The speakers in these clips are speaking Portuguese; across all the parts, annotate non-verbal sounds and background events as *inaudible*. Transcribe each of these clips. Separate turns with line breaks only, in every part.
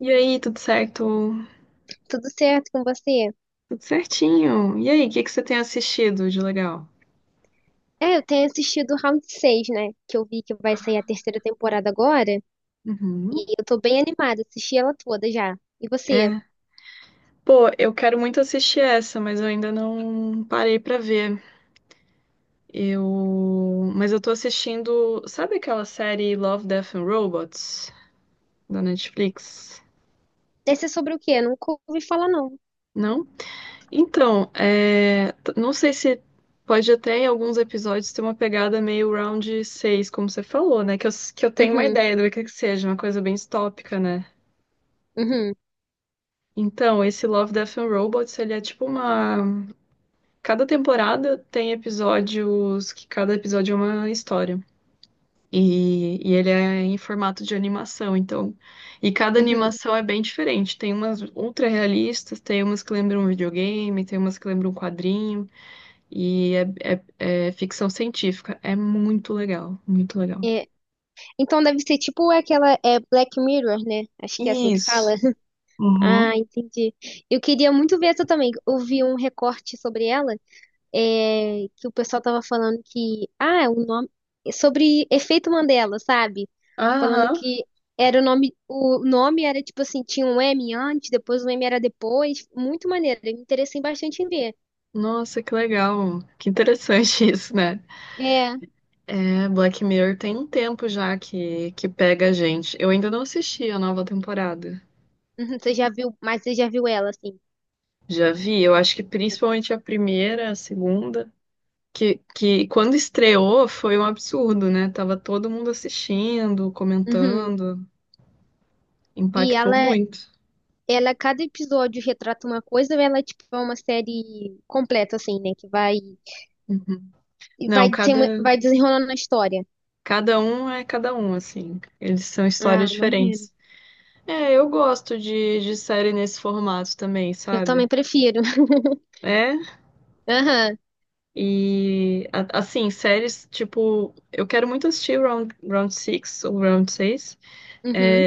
E aí, tudo certo?
Tudo certo com você?
Tudo certinho. E aí, o que que você tem assistido de legal?
Eu tenho assistido o Round 6, né? Que eu vi que vai sair a terceira temporada agora.
Uhum.
E eu tô bem animada, assisti ela toda já. E você?
É. Pô, eu quero muito assistir essa, mas eu ainda não parei pra ver. Eu, mas eu tô assistindo, sabe aquela série Love, Death and Robots da Netflix?
Deve ser sobre o quê? Eu nunca ouvi falar, não.
Não? Então, não sei se pode até em alguns episódios ter uma pegada meio round seis, como você falou, né? Que eu tenho uma
Uhum,
ideia do que seja, uma coisa bem distópica, né?
uhum,
Então, esse Love, Death and Robots, ele é tipo uma. Cada temporada tem episódios que cada episódio é uma história. E ele é em formato de animação, então. E cada
uhum.
animação é bem diferente. Tem umas ultra realistas, tem umas que lembram um videogame, tem umas que lembram um quadrinho. E é, é ficção científica. É muito legal, muito legal.
É, Então deve ser tipo aquela Black Mirror, né? Acho que é assim que fala.
Isso.
*laughs*
Uhum.
Ah, entendi. Eu queria muito ver essa também. Eu vi um recorte sobre ela que o pessoal tava falando que, ah, o nome sobre efeito Mandela, sabe? Falando
Aham.
que era o nome era tipo assim, tinha um M antes, depois o M era depois, muito maneiro, eu me interessei bastante em ver.
Nossa, que legal. Que interessante *laughs* isso, né?
É, *laughs*
É, Black Mirror tem um tempo já que pega a gente. Eu ainda não assisti a nova temporada.
uhum, você já viu, mas você já viu ela assim.
Já vi, eu acho que principalmente a primeira, a segunda, que quando estreou foi um absurdo, né? Tava todo mundo assistindo,
Uhum.
comentando,
E
impactou
ela
muito.
Ela, cada episódio retrata uma coisa, ela, tipo, é uma série completa, assim, né?
Uhum.
E
Não,
vai, tem, vai desenrolando a história.
cada um é cada um, assim. Eles são
Ah,
histórias
maneiro.
diferentes. É, eu gosto de série nesse formato também,
Eu também
sabe?
prefiro. *laughs*
É,
Aham.
E, assim, séries, tipo, eu quero muito assistir Round 6 ou Round seis
Uhum.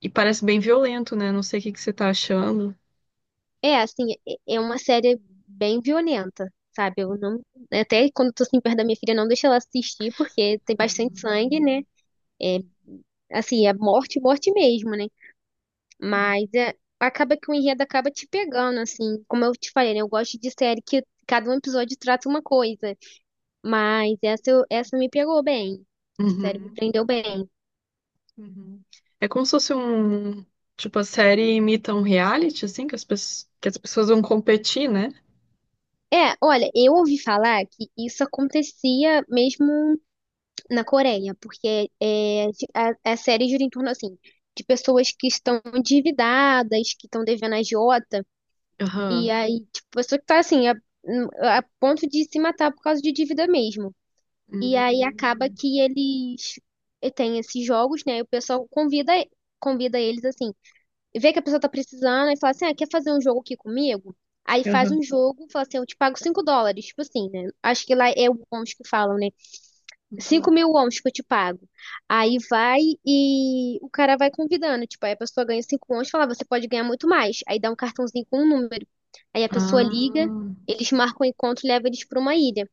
e parece bem violento, né? Não sei o que que você tá achando.
É, assim, é uma série bem violenta, sabe? Eu não, até quando tô assim, perto da minha filha, não deixo ela assistir, porque tem bastante sangue, né? É, assim, é morte, morte mesmo, né? Mas é, acaba que o enredo acaba te pegando, assim. Como eu te falei, né? Eu gosto de série que cada um episódio trata uma coisa. Mas essa, essa me pegou bem. Essa série me
Uhum,
prendeu bem.
uhum. É como se fosse um. Tipo, a série imita um reality, assim, que as, que as pessoas vão competir, né?
É, olha, eu ouvi falar que isso acontecia mesmo na Coreia, porque é, a série gira em torno, assim, de pessoas que estão endividadas, que estão devendo a agiota, e
Aham.
aí, tipo, pessoa que tá, assim, a ponto de se matar por causa de dívida mesmo. E aí acaba
Hum.
que eles têm esses jogos, né, e o pessoal convida, convida eles, assim, vê que a pessoa tá precisando e fala assim, ah, quer fazer um jogo aqui comigo? Aí faz
Aham.
um jogo, fala assim, eu te pago 5 dólares, tipo assim, né? Acho que lá é o bônus que falam, né? cinco
Uhum.
mil wons que eu te pago. Aí vai e o cara vai convidando. Tipo, aí a pessoa ganha 5 wons e fala, "Ah, você pode ganhar muito mais." Aí dá um cartãozinho com um número. Aí a pessoa
Ah,
liga, eles marcam o encontro e levam eles pra uma ilha.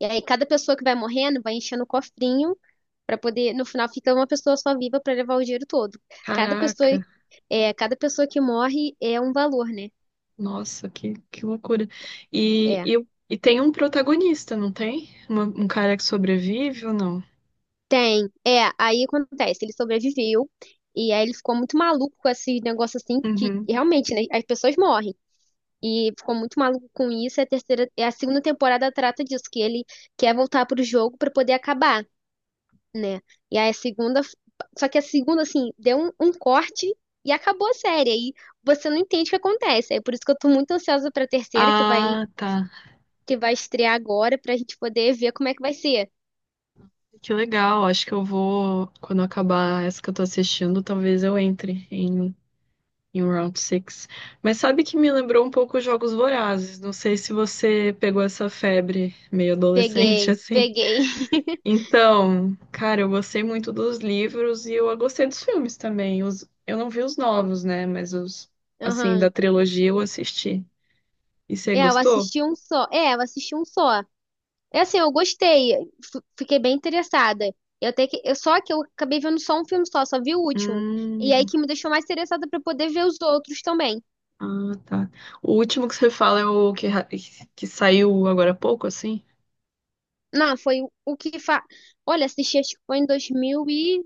E aí cada pessoa que vai morrendo vai enchendo o cofrinho pra poder. No final fica uma pessoa só viva pra levar o dinheiro todo. Cada pessoa,
caraca.
é, cada pessoa que morre é um valor, né?
Nossa, que loucura. E,
É.
e, e tem um protagonista, não tem? Um cara que sobrevive ou não?
Tem, é, aí acontece, ele sobreviveu, e aí ele ficou muito maluco com esses negócios assim, que
Uhum.
realmente, né, as pessoas morrem, e ficou muito maluco com isso, e a segunda temporada trata disso, que ele quer voltar pro jogo pra poder acabar, né, e aí a segunda, só que a segunda, assim, deu um corte e acabou a série, aí você não entende o que acontece, é por isso que eu tô muito ansiosa pra terceira,
Ah, tá.
que vai estrear agora, pra gente poder ver como é que vai ser.
Que legal. Acho que eu vou, quando eu acabar essa que eu tô assistindo, talvez em um Round six. Mas sabe que me lembrou um pouco os Jogos Vorazes. Não sei se você pegou essa febre meio adolescente, *laughs*
Peguei,
assim.
peguei.
Então, cara, eu gostei muito dos livros e eu gostei dos filmes também. Os, eu não vi os novos, né? Mas os,
*laughs*
assim,
Aham.
da trilogia eu assisti. E você
É, eu
gostou?
assisti um só. É, eu assisti um só. É assim, eu gostei. Fiquei bem interessada. Eu até que, eu, Só que eu acabei vendo só um filme só, só vi o último. E aí
Hum,
que me deixou mais interessada pra poder ver os outros também.
ah, tá. O último que você fala é o que, que saiu agora há pouco, assim?
Não, foi o que fa... Olha, assisti acho que foi em dois mil e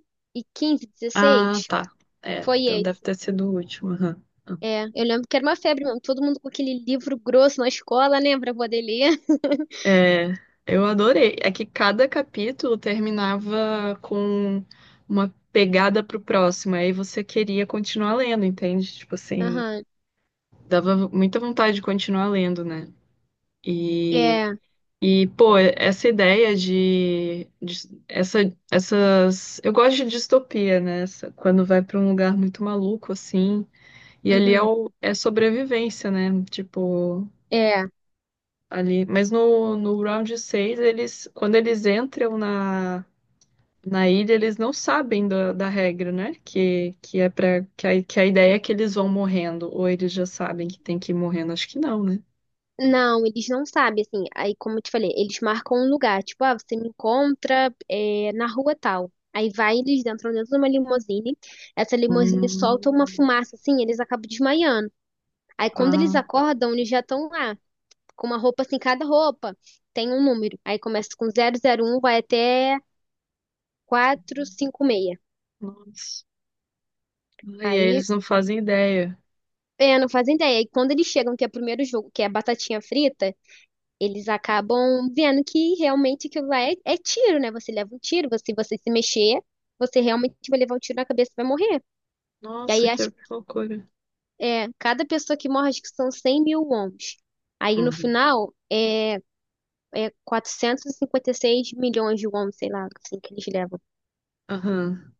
quinze
Ah,
2016.
tá. É,
Foi
então deve
esse.
ter sido o último. Aham.
É, eu lembro que era uma febre mesmo. Todo mundo com aquele livro grosso na escola, né? Pra poder ler. *laughs*
É, eu adorei. É que cada capítulo terminava com uma pegada pro próximo, aí você queria continuar lendo, entende? Tipo assim,
Aham.
dava muita vontade de continuar lendo, né? E,
É.
e pô, essa ideia essas. Eu gosto de distopia, né? Essa- quando vai pra um lugar muito maluco, assim. E ali
Uhum.
é sobrevivência, né? Tipo.
É.
Ali. Mas no round seis eles, quando eles entram na ilha, eles não sabem da regra, né? Que é para que que a ideia é que eles vão morrendo, ou eles já sabem que tem que ir morrendo. Acho que não, né?
Não, eles não sabem, assim. Aí, como eu te falei, eles marcam um lugar. Tipo, ah, você me encontra é, na rua tal. Aí vai, eles entram dentro de uma limusine. Essa limusine
Hum,
solta uma fumaça, assim, eles acabam desmaiando. Aí, quando eles
ah,
acordam, eles já estão lá, com uma roupa assim, cada roupa tem um número. Aí começa com 001, vai até 456.
nossa. Ah, e aí
Aí,
eles não fazem ideia.
é, não fazem ideia. Aí, quando eles chegam, que é o primeiro jogo, que é a batatinha frita, eles acabam vendo que realmente aquilo lá é tiro, né? Você leva um tiro, se você se mexer, você realmente vai levar um tiro na cabeça e vai morrer. E
Nossa,
aí
que
acho que
loucura.
é, cada pessoa que morre, acho que são 100 mil wons. Aí no
Uhum.
final é quatrocentos e cinquenta e seis milhões de wons, sei lá, assim que eles levam.
Aham.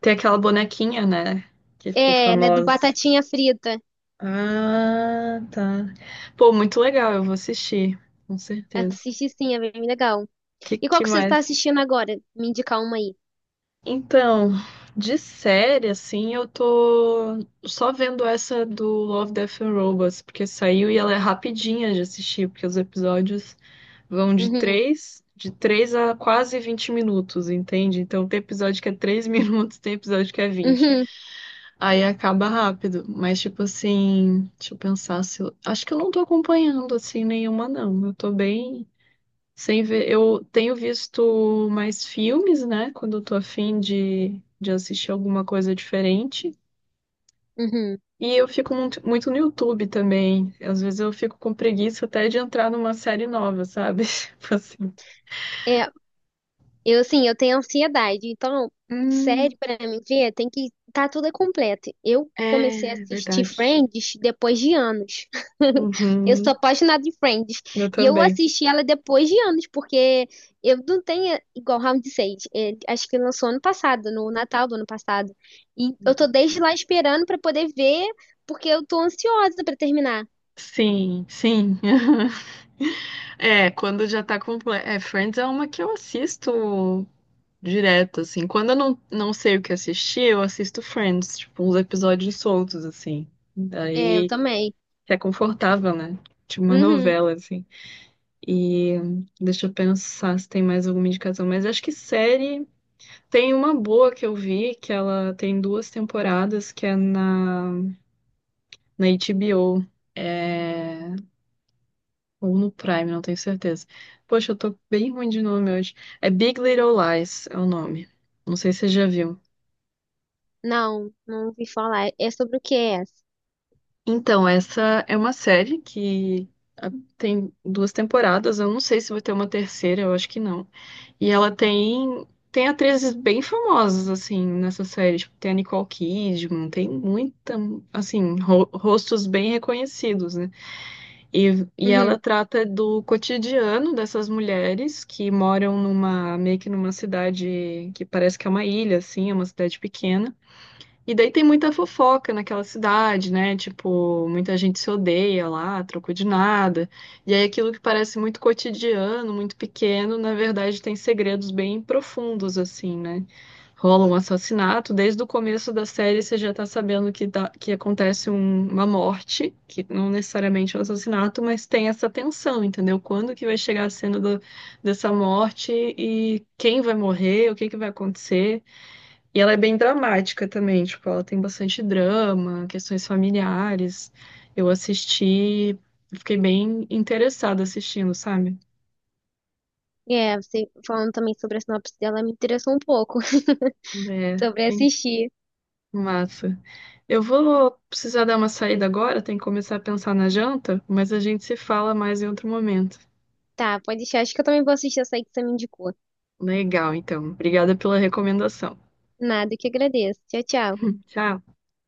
Tem aquela bonequinha, né? Que ficou
É, ela é do
famosa.
Batatinha Frita.
Ah, tá. Pô, muito legal, eu vou assistir, com certeza.
Assiste sim, é bem legal. E qual
Que
que você está
mais?
assistindo agora? Me indicar uma aí.
Então, de série, assim, eu tô só vendo essa do Love, Death and Robots, porque saiu e ela é rapidinha de assistir, porque os episódios vão
Uhum,
de três a quase 20 minutos, entende? Então tem episódio que é três *laughs* minutos, tem episódio que é vinte.
uhum,
Aí acaba rápido, mas tipo assim, deixa eu pensar se eu... Acho que eu não tô acompanhando assim nenhuma, não. Eu tô bem sem ver, eu tenho visto mais filmes, né? Quando eu tô afim de assistir alguma coisa diferente.
uhum.
E eu fico muito, muito no YouTube também. Às vezes eu fico com preguiça até de entrar numa série nova, sabe? *laughs* Tipo assim.
É, Eu, assim, eu tenho ansiedade, então,
Hum,
série pra mim ver, tem que tá tudo completo. Eu comecei a
é
assistir
verdade.
Friends depois de anos. *laughs* Eu sou
Uhum,
apaixonada de Friends.
eu
E eu
também.
assisti ela depois de anos, porque eu não tenho igual Round 6. Acho que lançou ano passado, no Natal do ano passado. E eu tô desde lá esperando pra poder ver, porque eu tô ansiosa pra terminar.
Sim, sim. *laughs* É, quando já tá completo. É, Friends é uma que eu assisto direto, assim. Quando eu não sei o que assistir, eu assisto Friends, tipo, uns episódios soltos, assim.
É, eu
Daí
também.
é confortável, né? Tipo uma
Uhum.
novela, assim. E deixa eu pensar se tem mais alguma indicação. Mas acho que série. Tem uma boa que eu vi, que ela tem duas temporadas, que é na HBO. É... Ou no Prime, não tenho certeza. Poxa, eu tô bem ruim de nome hoje. É Big Little Lies, é o nome. Não sei se você já viu.
Não, não ouvi falar. É sobre o que é essa?
Então, essa é uma série que ah, tem duas temporadas. Eu não sei se vai ter uma terceira, eu acho que não. E ela tem atrizes bem famosas assim nessa série, tipo, tem a Nicole Kidman, tem muita assim rostos bem reconhecidos, né? E ela
Uhum.
trata do cotidiano dessas mulheres que moram numa meio que numa cidade que parece que é uma ilha, assim, é uma cidade pequena. E daí tem muita fofoca naquela cidade, né? Tipo, muita gente se odeia lá, trocou de nada. E aí aquilo que parece muito cotidiano, muito pequeno, na verdade tem segredos bem profundos, assim, né? Rola um assassinato, desde o começo da série você já tá sabendo que acontece uma morte, que não necessariamente é um assassinato, mas tem essa tensão, entendeu? Quando que vai chegar a cena dessa morte e quem vai morrer, o que que vai acontecer. E ela é bem dramática também, tipo, ela tem bastante drama, questões familiares. Eu assisti, fiquei bem interessada assistindo, sabe?
É, você falando também sobre a sinopse dela me interessou um pouco *laughs*
É,
sobre
que
assistir.
massa. Eu vou precisar dar uma saída agora, tem que começar a pensar na janta, mas a gente se fala mais em outro momento.
Tá, pode deixar. Acho que eu também vou assistir essa aí que você me indicou.
Legal, então. Obrigada pela recomendação.
Nada, que agradeço. Tchau, tchau.
Tchau.